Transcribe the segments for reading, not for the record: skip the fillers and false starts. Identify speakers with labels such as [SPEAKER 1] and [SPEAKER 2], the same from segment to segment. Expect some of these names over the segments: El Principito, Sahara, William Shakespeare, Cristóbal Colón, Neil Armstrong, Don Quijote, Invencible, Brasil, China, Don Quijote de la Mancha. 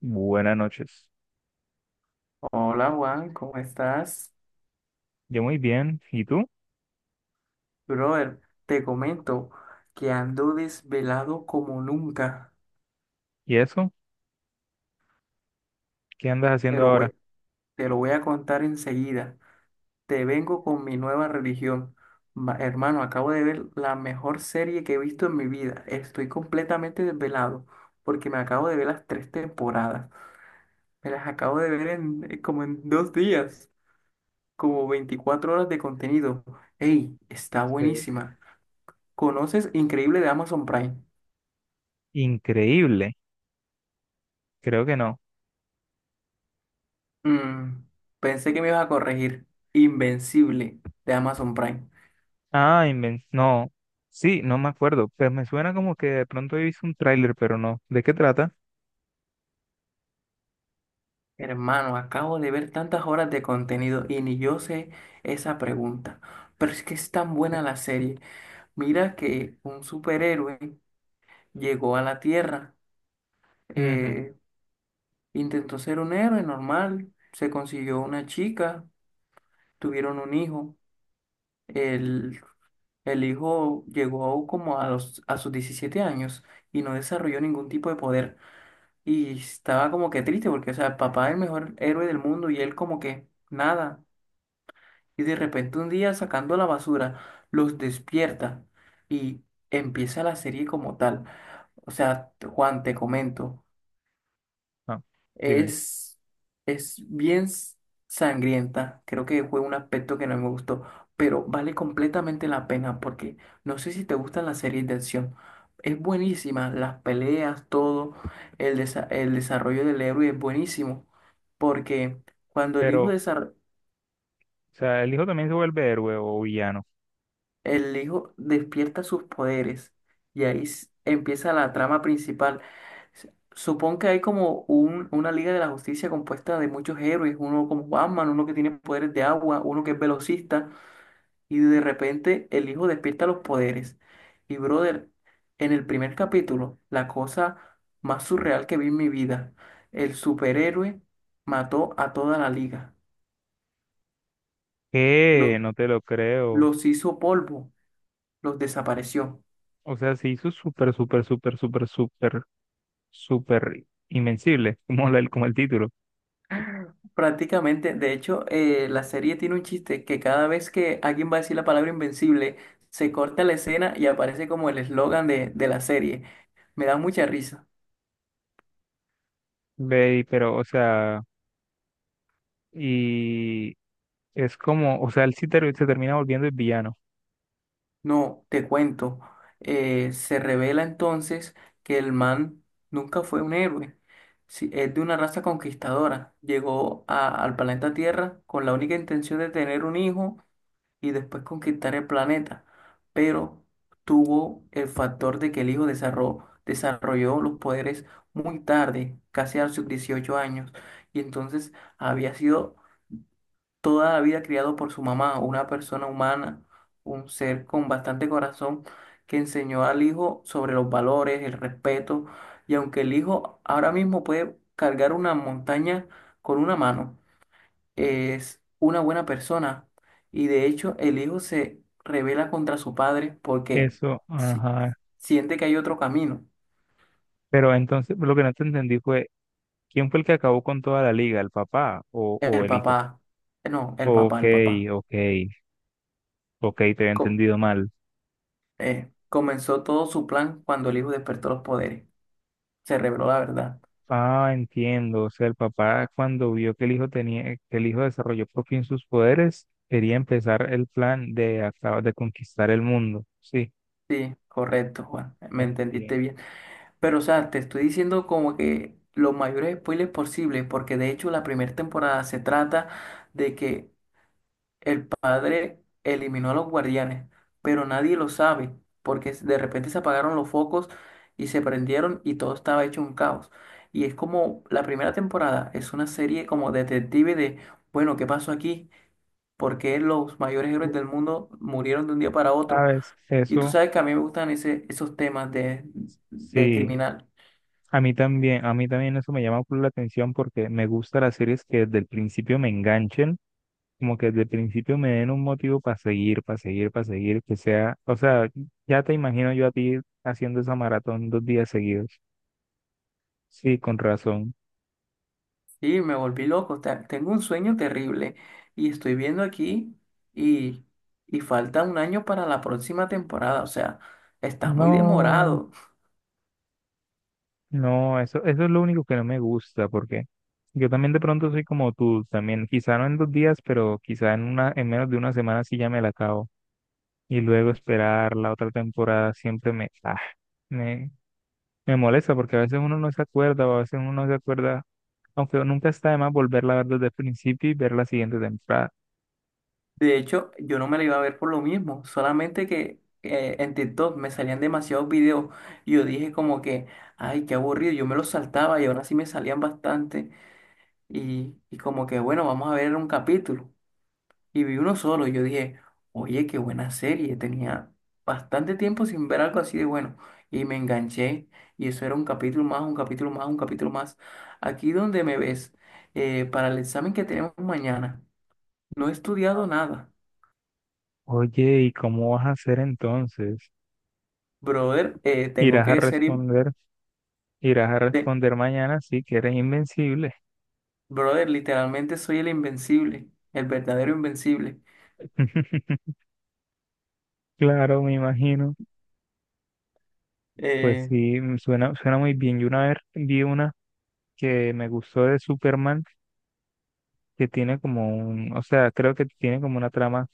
[SPEAKER 1] Buenas noches.
[SPEAKER 2] Hola Juan, ¿cómo estás?
[SPEAKER 1] Yo muy bien. ¿Y tú?
[SPEAKER 2] Brother, te comento que ando desvelado como nunca.
[SPEAKER 1] ¿Y eso? ¿Qué andas
[SPEAKER 2] Te
[SPEAKER 1] haciendo
[SPEAKER 2] lo
[SPEAKER 1] ahora?
[SPEAKER 2] voy, te lo voy a contar enseguida. Te vengo con mi nueva religión. Hermano, acabo de ver la mejor serie que he visto en mi vida. Estoy completamente desvelado porque me acabo de ver las tres temporadas. Me las acabo de ver como en 2 días, como 24 horas de contenido. ¡Ey! Está
[SPEAKER 1] Eh,
[SPEAKER 2] buenísima. ¿Conoces Increíble de Amazon Prime?
[SPEAKER 1] Increíble. Creo que no.
[SPEAKER 2] Mm, Pensé que me ibas a corregir. Invencible de Amazon Prime.
[SPEAKER 1] No. Sí, no me acuerdo. Pero me suena como que de pronto he visto un tráiler, pero no. ¿De qué trata?
[SPEAKER 2] Hermano, acabo de ver tantas horas de contenido y ni yo sé esa pregunta. Pero es que es tan buena la serie. Mira que un superhéroe llegó a la Tierra,
[SPEAKER 1] Ujú.
[SPEAKER 2] eh, intentó ser un héroe normal, se consiguió una chica, tuvieron un hijo. El, el hijo llegó como a sus 17 años y no desarrolló ningún tipo de poder. Y estaba como que triste porque, o sea, el papá es el mejor héroe del mundo y él como que nada. Y de repente un día sacando la basura, los despierta y empieza la serie como tal. O sea, Juan, te comento.
[SPEAKER 1] No, dime.
[SPEAKER 2] Es, es bien sangrienta. Creo que fue un aspecto que no me gustó, pero vale completamente la pena porque no sé si te gustan las series de acción. Es buenísima, las peleas, todo, el desarrollo del héroe es buenísimo porque cuando el
[SPEAKER 1] Pero,
[SPEAKER 2] hijo
[SPEAKER 1] o sea, ¿el hijo también se vuelve héroe o villano?
[SPEAKER 2] El hijo despierta sus poderes y ahí empieza la trama principal. Supón que hay como una Liga de la Justicia compuesta de muchos héroes, uno como Batman, uno que tiene poderes de agua, uno que es velocista, y de repente el hijo despierta los poderes. Y brother, en el primer capítulo, la cosa más surreal que vi en mi vida, el superhéroe mató a toda la liga, los,
[SPEAKER 1] ¿Qué? No te lo creo.
[SPEAKER 2] los hizo polvo, los desapareció.
[SPEAKER 1] O sea, se hizo súper, súper, súper, súper, súper, súper invencible, como como el título.
[SPEAKER 2] Prácticamente, de hecho, la serie tiene un chiste que cada vez que alguien va a decir la palabra invencible, se corta la escena y aparece como el eslogan de la serie. Me da mucha risa.
[SPEAKER 1] Ve, pero, o sea, y es como, o sea, se termina volviendo el villano.
[SPEAKER 2] No, te cuento. Se revela entonces que el man nunca fue un héroe. Sí, es de una raza conquistadora. Llegó al planeta Tierra con la única intención de tener un hijo y después conquistar el planeta, pero tuvo el factor de que el hijo desarrolló los poderes muy tarde, casi a sus 18 años, y entonces había sido toda la vida criado por su mamá, una persona humana, un ser con bastante corazón, que enseñó al hijo sobre los valores, el respeto, y aunque el hijo ahora mismo puede cargar una montaña con una mano, es una buena persona. Y de hecho, el hijo se revela contra su padre porque
[SPEAKER 1] Eso,
[SPEAKER 2] si-
[SPEAKER 1] ajá.
[SPEAKER 2] siente que hay otro camino.
[SPEAKER 1] Pero entonces lo que no te entendí fue, ¿quién fue el que acabó con toda la liga? ¿El papá o
[SPEAKER 2] El
[SPEAKER 1] el hijo?
[SPEAKER 2] papá, no, el
[SPEAKER 1] Ok,
[SPEAKER 2] papá, el papá.
[SPEAKER 1] ok, ok, te había
[SPEAKER 2] co-
[SPEAKER 1] entendido mal.
[SPEAKER 2] Comenzó todo su plan cuando el hijo despertó los poderes. Se reveló la verdad.
[SPEAKER 1] Ah, entiendo. O sea, el papá cuando vio que el hijo desarrolló por fin sus poderes, quería empezar el plan de acabar de conquistar el mundo. Sí,
[SPEAKER 2] Sí, correcto, Juan. Me
[SPEAKER 1] buen
[SPEAKER 2] entendiste
[SPEAKER 1] día.
[SPEAKER 2] bien. Pero, o sea, te estoy diciendo como que los mayores spoilers posibles, porque de hecho la primera temporada se trata de que el padre eliminó a los guardianes, pero nadie lo sabe, porque de repente se apagaron los focos y se prendieron y todo estaba hecho un caos. Y es como la primera temporada, es una serie como detective de, bueno, ¿qué pasó aquí? ¿Por qué los mayores héroes del mundo murieron de un día para otro?
[SPEAKER 1] ¿Sabes
[SPEAKER 2] Y tú
[SPEAKER 1] eso?
[SPEAKER 2] sabes que a mí me gustan esos temas de,
[SPEAKER 1] Sí.
[SPEAKER 2] criminal.
[SPEAKER 1] A mí también eso me llama por la atención porque me gustan las series que desde el principio me enganchen, como que desde el principio me den un motivo para seguir, para seguir, para seguir, que sea, o sea, ya te imagino yo a ti haciendo esa maratón dos días seguidos. Sí, con razón.
[SPEAKER 2] Sí, me volví loco. Tengo un sueño terrible y estoy viendo aquí y, y falta un año para la próxima temporada. O sea, está muy
[SPEAKER 1] No,
[SPEAKER 2] demorado.
[SPEAKER 1] no, eso es lo único que no me gusta porque yo también de pronto soy como tú, también, quizá no en dos días, pero quizá en una, en menos de una semana sí ya me la acabo y luego esperar la otra temporada siempre me me molesta porque a veces uno no se acuerda o a veces uno no se acuerda, aunque nunca está de más volverla a ver desde el principio y ver la siguiente temporada.
[SPEAKER 2] De hecho, yo no me la iba a ver por lo mismo. Solamente que en TikTok me salían demasiados videos y yo dije como que, ay, qué aburrido. Yo me los saltaba y ahora sí me salían bastante. Y como que, bueno, vamos a ver un capítulo. Y vi uno solo. Y yo dije, oye, qué buena serie. Tenía bastante tiempo sin ver algo así de bueno. Y me enganché. Y eso era un capítulo más, un capítulo más, un capítulo más. Aquí donde me ves, para el examen que tenemos mañana, no he estudiado nada.
[SPEAKER 1] Oye, ¿y cómo vas a hacer entonces?
[SPEAKER 2] Brother, tengo
[SPEAKER 1] Irás a
[SPEAKER 2] que ser...
[SPEAKER 1] responder, irás a
[SPEAKER 2] te-
[SPEAKER 1] responder mañana sí que eres invencible.
[SPEAKER 2] Brother, literalmente soy el invencible, el verdadero invencible.
[SPEAKER 1] Claro, me imagino. Pues
[SPEAKER 2] Eh,
[SPEAKER 1] sí, mm, suena muy bien. Yo una vez vi una que me gustó de Superman, que tiene como o sea, creo que tiene como una trama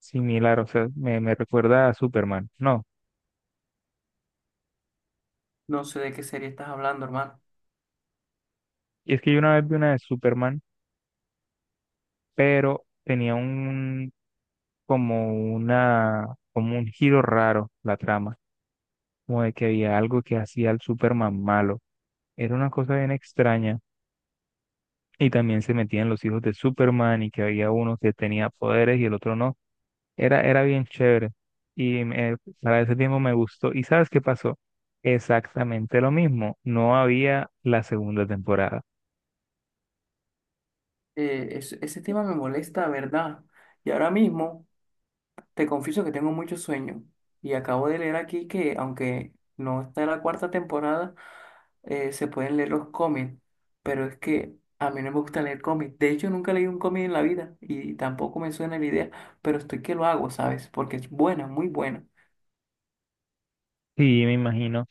[SPEAKER 1] similar. O sea, me recuerda a Superman. No,
[SPEAKER 2] no sé de qué serie estás hablando, hermano.
[SPEAKER 1] y es que yo una vez vi una de Superman pero tenía un como una como un giro raro la trama, como de que había algo que hacía al Superman malo. Era una cosa bien extraña y también se metían los hijos de Superman y que había uno que tenía poderes y el otro no. Era bien chévere y para ese tiempo me gustó. ¿Y sabes qué pasó? Exactamente lo mismo, no había la segunda temporada.
[SPEAKER 2] Ese tema me molesta, ¿verdad? Y ahora mismo... Te confieso que tengo mucho sueño y acabo de leer aquí que aunque no está la cuarta temporada, se pueden leer los cómics, pero es que a mí no me gusta leer cómics. De hecho, nunca leí un cómic en la vida y tampoco me suena la idea, pero estoy que lo hago, ¿sabes? Porque es buena, muy buena.
[SPEAKER 1] Sí, me imagino.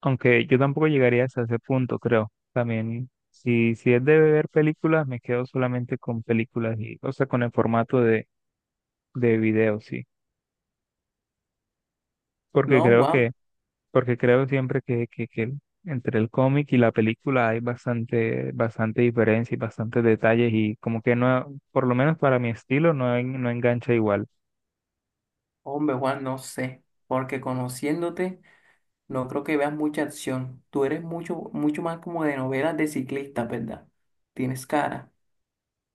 [SPEAKER 1] Aunque yo tampoco llegaría hasta ese punto, creo. También, si es de ver películas, me quedo solamente con películas y, o sea, con el formato de video, sí. Porque
[SPEAKER 2] No,
[SPEAKER 1] creo
[SPEAKER 2] Juan,
[SPEAKER 1] que, porque creo siempre que entre el cómic y la película hay bastante, bastante diferencia y bastantes detalles, y como que no, por lo menos para mi estilo, no, no engancha igual.
[SPEAKER 2] hombre, Juan, no sé, porque conociéndote, no creo que veas mucha acción. Tú eres mucho, mucho más como de novelas de ciclista, ¿verdad? Tienes cara.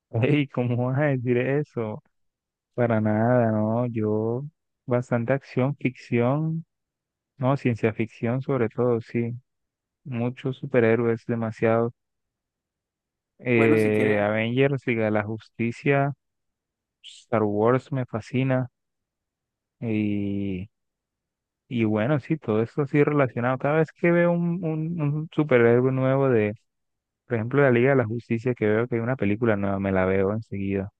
[SPEAKER 1] ¿Y cómo vas a decir eso? Para nada, no, yo bastante acción, ficción, no, ciencia ficción sobre todo, sí. Muchos superhéroes, demasiado.
[SPEAKER 2] Bueno, si quieres...
[SPEAKER 1] Avengers, Liga de la Justicia, Star Wars me fascina. Y, y bueno, sí, todo esto así relacionado. Cada vez que veo un superhéroe nuevo de, por ejemplo, la Liga de la Justicia, que veo que hay una película nueva, me la veo enseguida.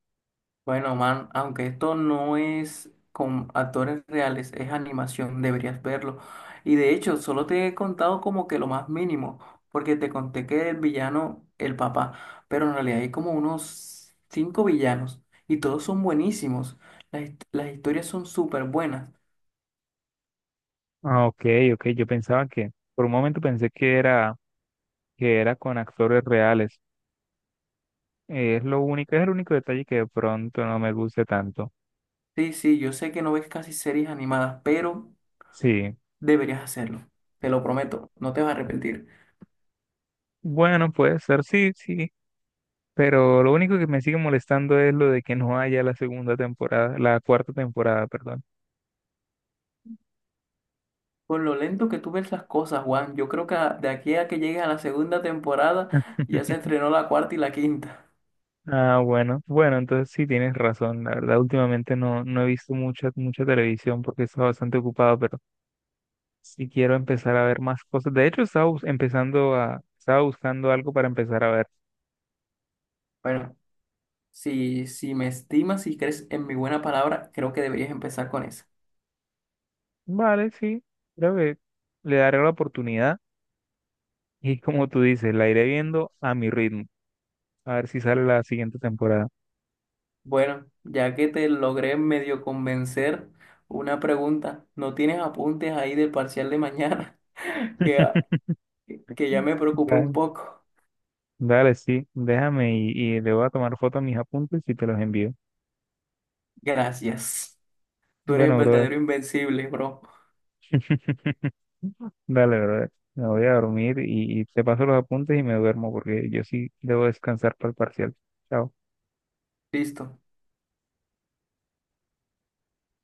[SPEAKER 2] Bueno, man, aunque esto no es con actores reales, es animación, deberías verlo. Y de hecho, solo te he contado como que lo más mínimo, porque te conté que el villano, el papá, pero en realidad hay como unos cinco villanos y todos son buenísimos. Las historias son súper buenas.
[SPEAKER 1] Ah, ok, ok, por un momento pensé que era con actores reales. Es el único detalle que de pronto no me guste tanto.
[SPEAKER 2] Sí, sí, yo sé que no ves casi series animadas, pero
[SPEAKER 1] Sí,
[SPEAKER 2] deberías hacerlo. Te lo prometo, no te vas a arrepentir.
[SPEAKER 1] bueno, puede ser, sí, sí. Pero lo único que me sigue molestando es lo de que no haya la cuarta temporada, perdón.
[SPEAKER 2] Con lo lento que tú ves las cosas, Juan, yo creo que de aquí a que llegues a la segunda temporada ya se estrenó la cuarta y la quinta.
[SPEAKER 1] Ah, bueno, bueno, entonces sí tienes razón. La verdad, últimamente no he visto mucha, mucha televisión porque he estado bastante ocupado, pero sí quiero empezar a ver más cosas. De hecho, estaba buscando algo para empezar a ver.
[SPEAKER 2] Bueno, si me estimas y crees en mi buena palabra, creo que deberías empezar con esa.
[SPEAKER 1] Vale, sí, creo que le daré la oportunidad y como tú dices, la iré viendo a mi ritmo, a ver si sale la siguiente temporada.
[SPEAKER 2] Bueno, ya que te logré medio convencer, una pregunta. ¿No tienes apuntes ahí del parcial de mañana? Que, ah, que ya me preocupé un
[SPEAKER 1] Vale.
[SPEAKER 2] poco.
[SPEAKER 1] Dale, sí, y le voy a tomar foto a mis apuntes y te los envío.
[SPEAKER 2] Gracias. Tú eres el
[SPEAKER 1] Bueno, brother.
[SPEAKER 2] verdadero invencible, bro.
[SPEAKER 1] Dale, brother. Me voy a dormir y te paso los apuntes y me duermo porque yo sí debo descansar para el parcial. Chao.
[SPEAKER 2] Listo.